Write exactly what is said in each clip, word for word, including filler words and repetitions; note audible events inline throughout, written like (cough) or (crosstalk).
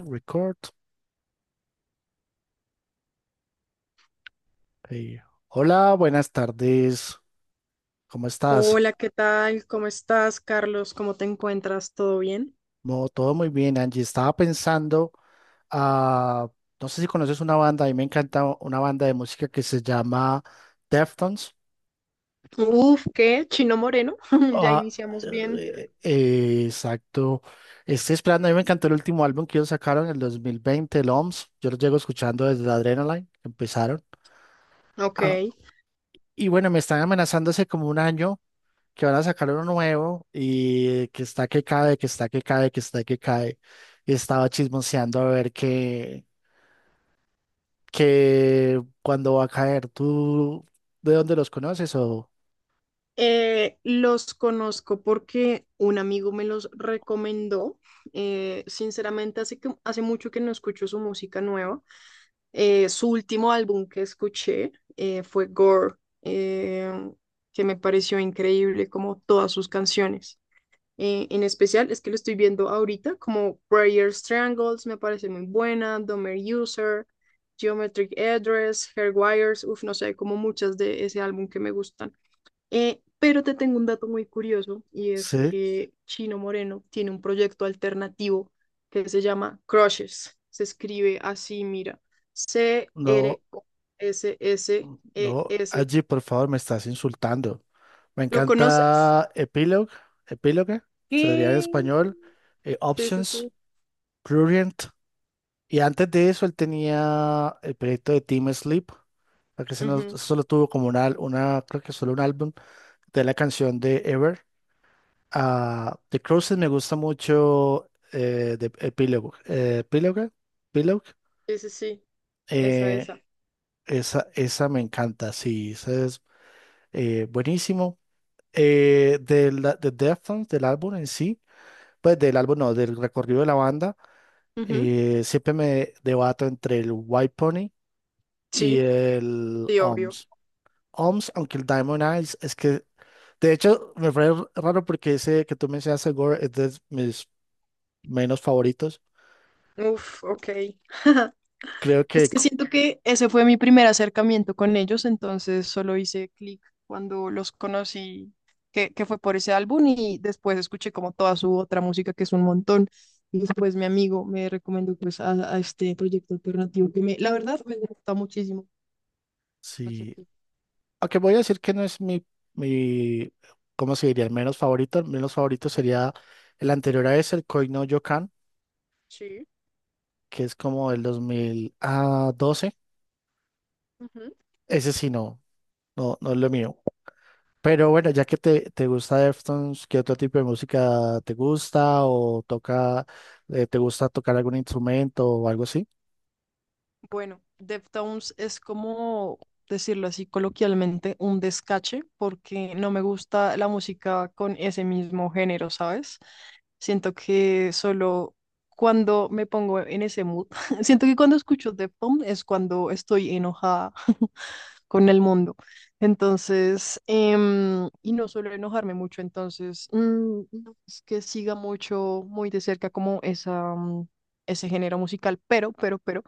Record. Hey. Hola, buenas tardes. ¿Cómo estás? Hola, ¿qué tal? ¿Cómo estás, Carlos? ¿Cómo te encuentras? ¿Todo bien? No, todo muy bien, Angie. Estaba pensando, ah, no sé si conoces una banda, a mí me encanta una banda de música que se llama Deftones. Uf, ¿qué? Chino Moreno. (laughs) Ya Ah, iniciamos bien. eh, eh, exacto. Estoy esperando, a mí me encantó el último álbum que ellos sacaron en el dos mil veinte, el O M S. Yo los llego escuchando desde Adrenaline, que empezaron. Ah, Ok. y bueno, me están amenazando hace como un año que van a sacar uno nuevo y que está que cae, que está que cae, que está que cae. Y estaba chismoseando a ver que, que cuando va a caer, ¿tú de dónde los conoces? O, Eh, los conozco porque un amigo me los recomendó. Eh, sinceramente, hace que, hace mucho que no escucho su música nueva. Eh, su último álbum que escuché eh, fue Gore, eh, que me pareció increíble como todas sus canciones. Eh, en especial es que lo estoy viendo ahorita, como Prayers Triangles, me parece muy buena, Domer User, Geometric Address, Hairwires, uff, no sé, como muchas de ese álbum que me gustan. Eh, pero te tengo un dato muy curioso y es sí, que Chino Moreno tiene un proyecto alternativo que se llama Crushes. Se escribe así, mira, no, C R S S E S. -S -S. no, E s s allí por favor me estás insultando. Me ¿lo conoces? encanta Epilogue, Epilogue, sería en ¿Qué? español, eh, Sí, sí, Options, sí. Prurient. Y antes de eso, él tenía el proyecto de Team Sleep, la que se nos- Ujú. solo tuvo como una, una, creo que solo un álbum de la canción de Ever. Ah, The Cruises me gusta mucho, eh, de Epilogue. Eh, Epilogue, Epilogue, Sí, sí, sí. Esa, eh, esa. esa, esa me encanta, sí, esa es, eh, buenísimo. Eh, de, la, de Deftones, del álbum en sí, pues del álbum no, del recorrido de la banda, Ujú. eh, siempre me debato entre el White Pony y Sí, el sí, obvio. O M S. O M S, aunque el Diamond Eyes, es que, de hecho, me fue r- raro porque ese que tú mencionaste, Gore, es de mis menos favoritos. Uf, ok. (laughs) Creo Es que que c- siento que ese fue mi primer acercamiento con ellos, entonces solo hice clic cuando los conocí, que, que fue por ese álbum y después escuché como toda su otra música, que es un montón. Y después mi amigo me recomendó pues a, a este proyecto alternativo que me, la verdad, me gusta muchísimo. para sí, serte- aunque voy a decir que no es mi, mi, ¿cómo se diría? El menos favorito. El menos favorito sería el anterior a ese, el Koi no Yokan, Sí. que es como el dos mil doce. Ese sí no, no, no es lo mío. Pero bueno, ya que te, te gusta Deftones, ¿qué otro tipo de música te gusta o toca, eh, te gusta tocar algún instrumento o algo así? Bueno, Deftones es como decirlo así coloquialmente, un descache, porque no me gusta la música con ese mismo género, ¿sabes? Siento que solo cuando me pongo en ese mood, (laughs) siento que cuando escucho Deftones es cuando estoy enojada con el mundo. Entonces, em, y no suelo enojarme mucho, entonces, mm, no es que siga mucho, muy de cerca como esa, mm, ese género musical, pero, pero, pero,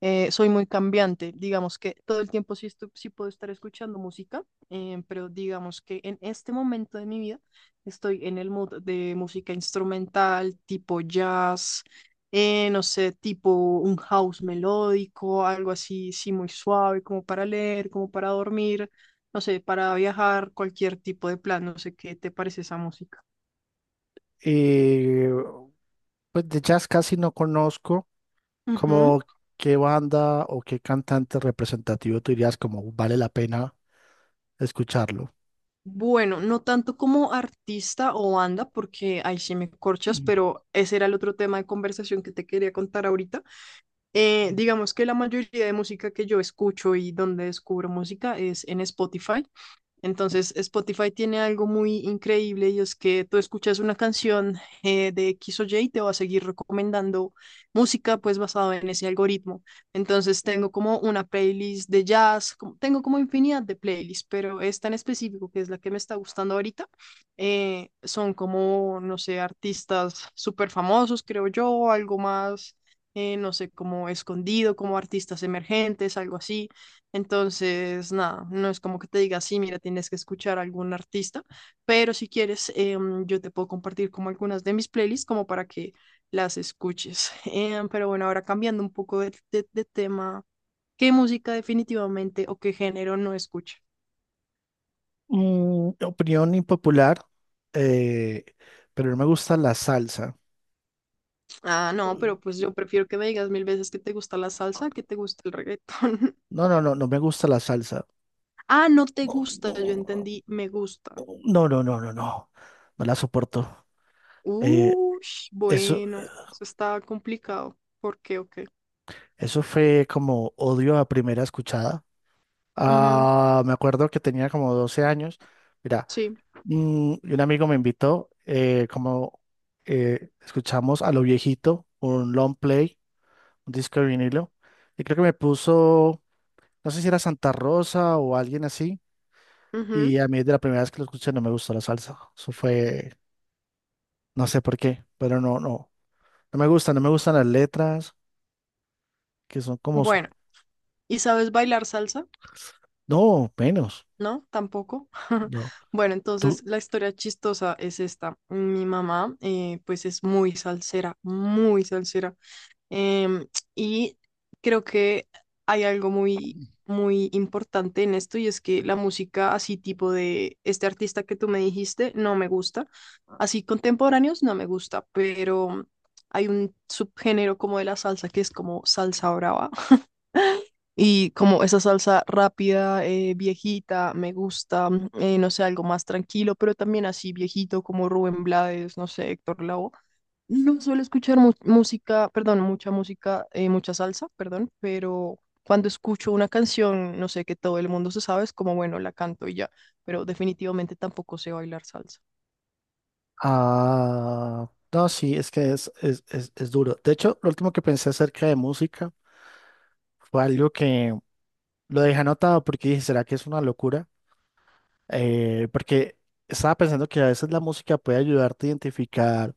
eh, soy muy cambiante. Digamos que todo el tiempo sí, estu- sí puedo estar escuchando música, em, pero digamos que en este momento de mi vida estoy en el mood de música instrumental, tipo jazz, eh, no sé, tipo un house melódico, algo así, sí, muy suave, como para leer, como para dormir, no sé, para viajar, cualquier tipo de plan, no sé qué te parece esa música. Y pues de jazz casi no conozco, Ujú. como qué banda o qué cantante representativo tú dirías como vale la pena escucharlo. Bueno, no tanto como artista o banda, porque ahí sí me corchas, pero ese era el otro tema de conversación que te quería contar ahorita. Eh, digamos que la mayoría de música que yo escucho y donde descubro música es en Spotify. Entonces, Spotify tiene algo muy increíble y es que tú escuchas una canción eh, de equis o ye y te va a seguir recomendando música pues basado en ese algoritmo. Entonces, tengo como una playlist de jazz, como- tengo como infinidad de playlists, pero esta en específico, que es la que me está gustando ahorita, eh, son como, no sé, artistas súper famosos, creo yo, algo más, eh, no sé, como escondido, como artistas emergentes, algo así. Entonces, nada, no es como que te diga, sí, mira, tienes que escuchar a algún artista, pero si quieres, em, yo te puedo compartir como algunas de mis playlists como para que las escuches. (laughs) Em, pero bueno, ahora cambiando un poco de, de- de tema, ¿qué música definitivamente o qué género no escucha? Mm, opinión impopular, eh, pero no me gusta la salsa. Ah, no, pero pues yo prefiero que me digas mil veces que te gusta la salsa, que te gusta el reggaetón. (laughs) No, no, no, no me gusta la salsa. Ah, no te gusta, yo entendí, me gusta. No, no, no, no, no. No la soporto. Eh, Uy, Eso, bueno, eso está complicado. ¿Por qué o qué? eso fue como odio a primera escuchada. Ujú. Ah, me acuerdo que tenía como doce años. Mira, Sí. mm, y un amigo me invitó, eh, como eh, escuchamos a lo viejito, un long play, un disco de vinilo. Y creo que me puso, no sé si era Santa Rosa o alguien así. Y Ujú. a mí de la primera vez que lo escuché no me gustó la salsa. Eso fue, no sé por qué, pero no, no. No me gustan, no me gustan las letras que son como, su- Bueno, ¿y sabes bailar salsa? no, menos, No, tampoco. (laughs) no, Bueno, entonces tú, la historia chistosa es esta. Mi mamá, eh, pues es muy salsera, muy salsera. Em, y creo que hay algo muy, muy importante en esto y es que la música así tipo de este artista que tú me dijiste no me gusta. Así contemporáneos no me gusta, pero hay un subgénero como de la salsa que es como salsa brava. Y como esa salsa rápida, eh, viejita, me gusta, eh, no sé, algo más tranquilo, pero también así viejito como Rubén Blades, no sé, Héctor Lavoe. No suelo escuchar mu- música, perdón, mucha música, eh, mucha salsa, perdón, pero cuando escucho una canción, no sé, que todo el mundo se sabe, es como, bueno, la canto y ya, pero definitivamente tampoco sé bailar salsa. ah, no, sí, es que es, es, es, es, duro. De hecho, lo último que pensé acerca de música fue algo que lo dejé anotado porque dije, ¿será que es una locura? Eh, porque estaba pensando que a veces la música puede ayudarte a identificar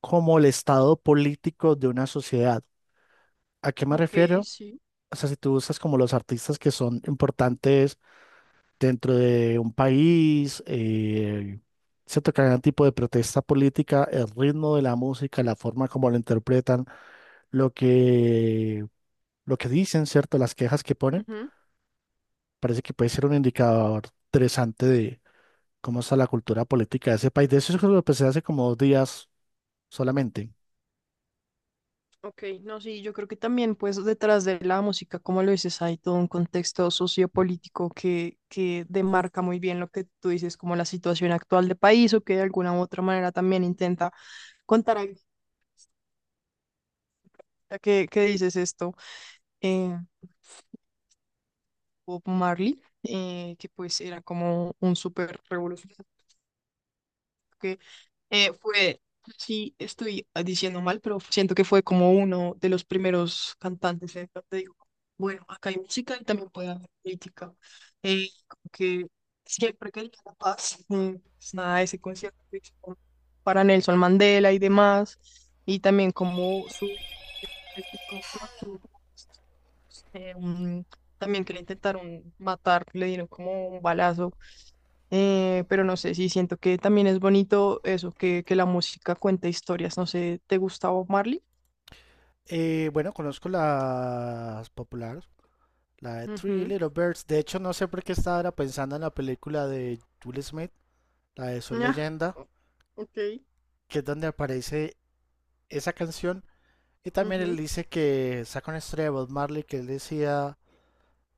como el estado político de una sociedad. ¿A qué me Ok, refiero? sí. O sea, si tú usas como los artistas que son importantes dentro de un país, eh, cierto cada tipo de protesta política, el ritmo de la música, la forma como lo interpretan, lo que, lo que dicen, ¿cierto? Las quejas que ponen, parece que puede ser un indicador interesante de cómo está la cultura política de ese país. De eso es lo que empecé hace como dos días solamente. Ok, no, sí, yo creo que también, pues, detrás de la música, como lo dices, hay todo un contexto sociopolítico que, que demarca muy bien lo que tú dices, como la situación actual del país, o que de alguna u otra manera también intenta contar algo, ya que, que dices esto, eh, Bob Marley, eh, que pues era como un súper revolucionario. Eh, fue, sí, estoy diciendo mal, pero siento que fue como uno de los primeros cantantes. En te digo, bueno, acá hay música y también puede haber política. Eh, como que siempre quería la paz. Eh, pues nada, ese concierto que hizo como para Nelson Mandela y demás. Y también como su... el que tuvo- no tuvo como eh, un- también que le intentaron matar, le dieron como un balazo, eh, pero no sé, sí siento que también es bonito eso, que, que la música cuenta historias. No sé, ¿te gusta Bob Marley? Eh, bueno, conozco las populares, la de Three Ujú. Little Birds. De hecho, no sé por qué estaba ahora pensando en la película de Will Smith, la de Soy Ah, Leyenda, ok. que es donde aparece esa canción. Y también él Ujú, dice que saca una historia de Bob Marley que él decía,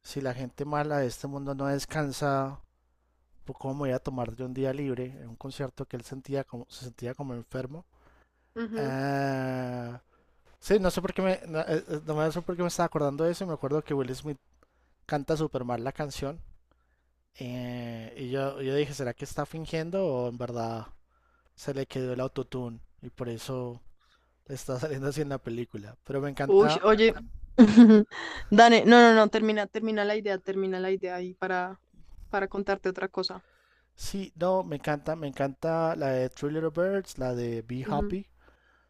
si la gente mala de este mundo no descansa, pues cómo me voy a tomar de un día libre, en un concierto que él sentía como, se sentía como enfermo. ujú. Ah, sí, no sé por qué me, no, eh, eh, no me- sé por qué me estaba acordando de eso, y me acuerdo que Will Smith canta super mal la canción. eh, y yo, yo dije, ¿será que está fingiendo o en verdad se le quedó el autotune? Y por eso está (laughs) saliendo así en la película. Pero me encanta. Uy, oye, (laughs) Dane, no, no, no, termina, termina la idea, termina la idea ahí para, para contarte otra cosa. Sí, no, me encanta, me encanta la de Three Little Birds, la de Be Ujú. Happy.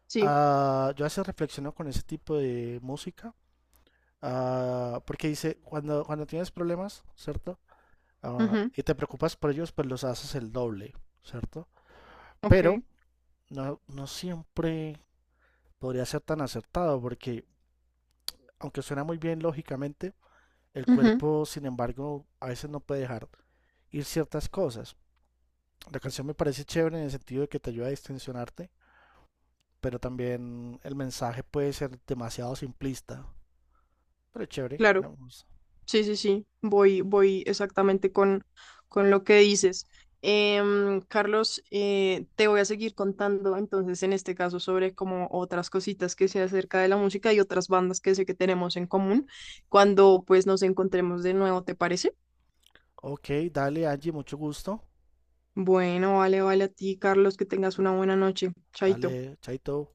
Sí, Ah, yo a veces reflexiono con ese tipo de música, ah, porque dice, cuando, cuando tienes problemas, ¿cierto? Ah, ujú. Y te preocupas por ellos, pues los haces el doble, ¿cierto? Ok. Pero no, no siempre podría ser tan acertado, porque aunque suena muy bien lógicamente, el Ujú. cuerpo, sin embargo, a veces no puede dejar ir ciertas cosas. La canción me parece chévere en el sentido de que te ayuda a distensionarte, pero también el mensaje puede ser demasiado simplista, pero es chévere. Claro. Vamos. Sí, sí, sí, voy, voy exactamente con, con lo que dices. Em, Carlos, eh, te voy a seguir contando entonces en este caso sobre como otras cositas que sé acerca de la música y otras bandas que sé que tenemos en común cuando pues nos encontremos de nuevo, ¿te parece? Ok, dale Angie, mucho gusto. Bueno, vale, vale a ti, Carlos, que tengas una buena noche. Chaito. Dale, chaito.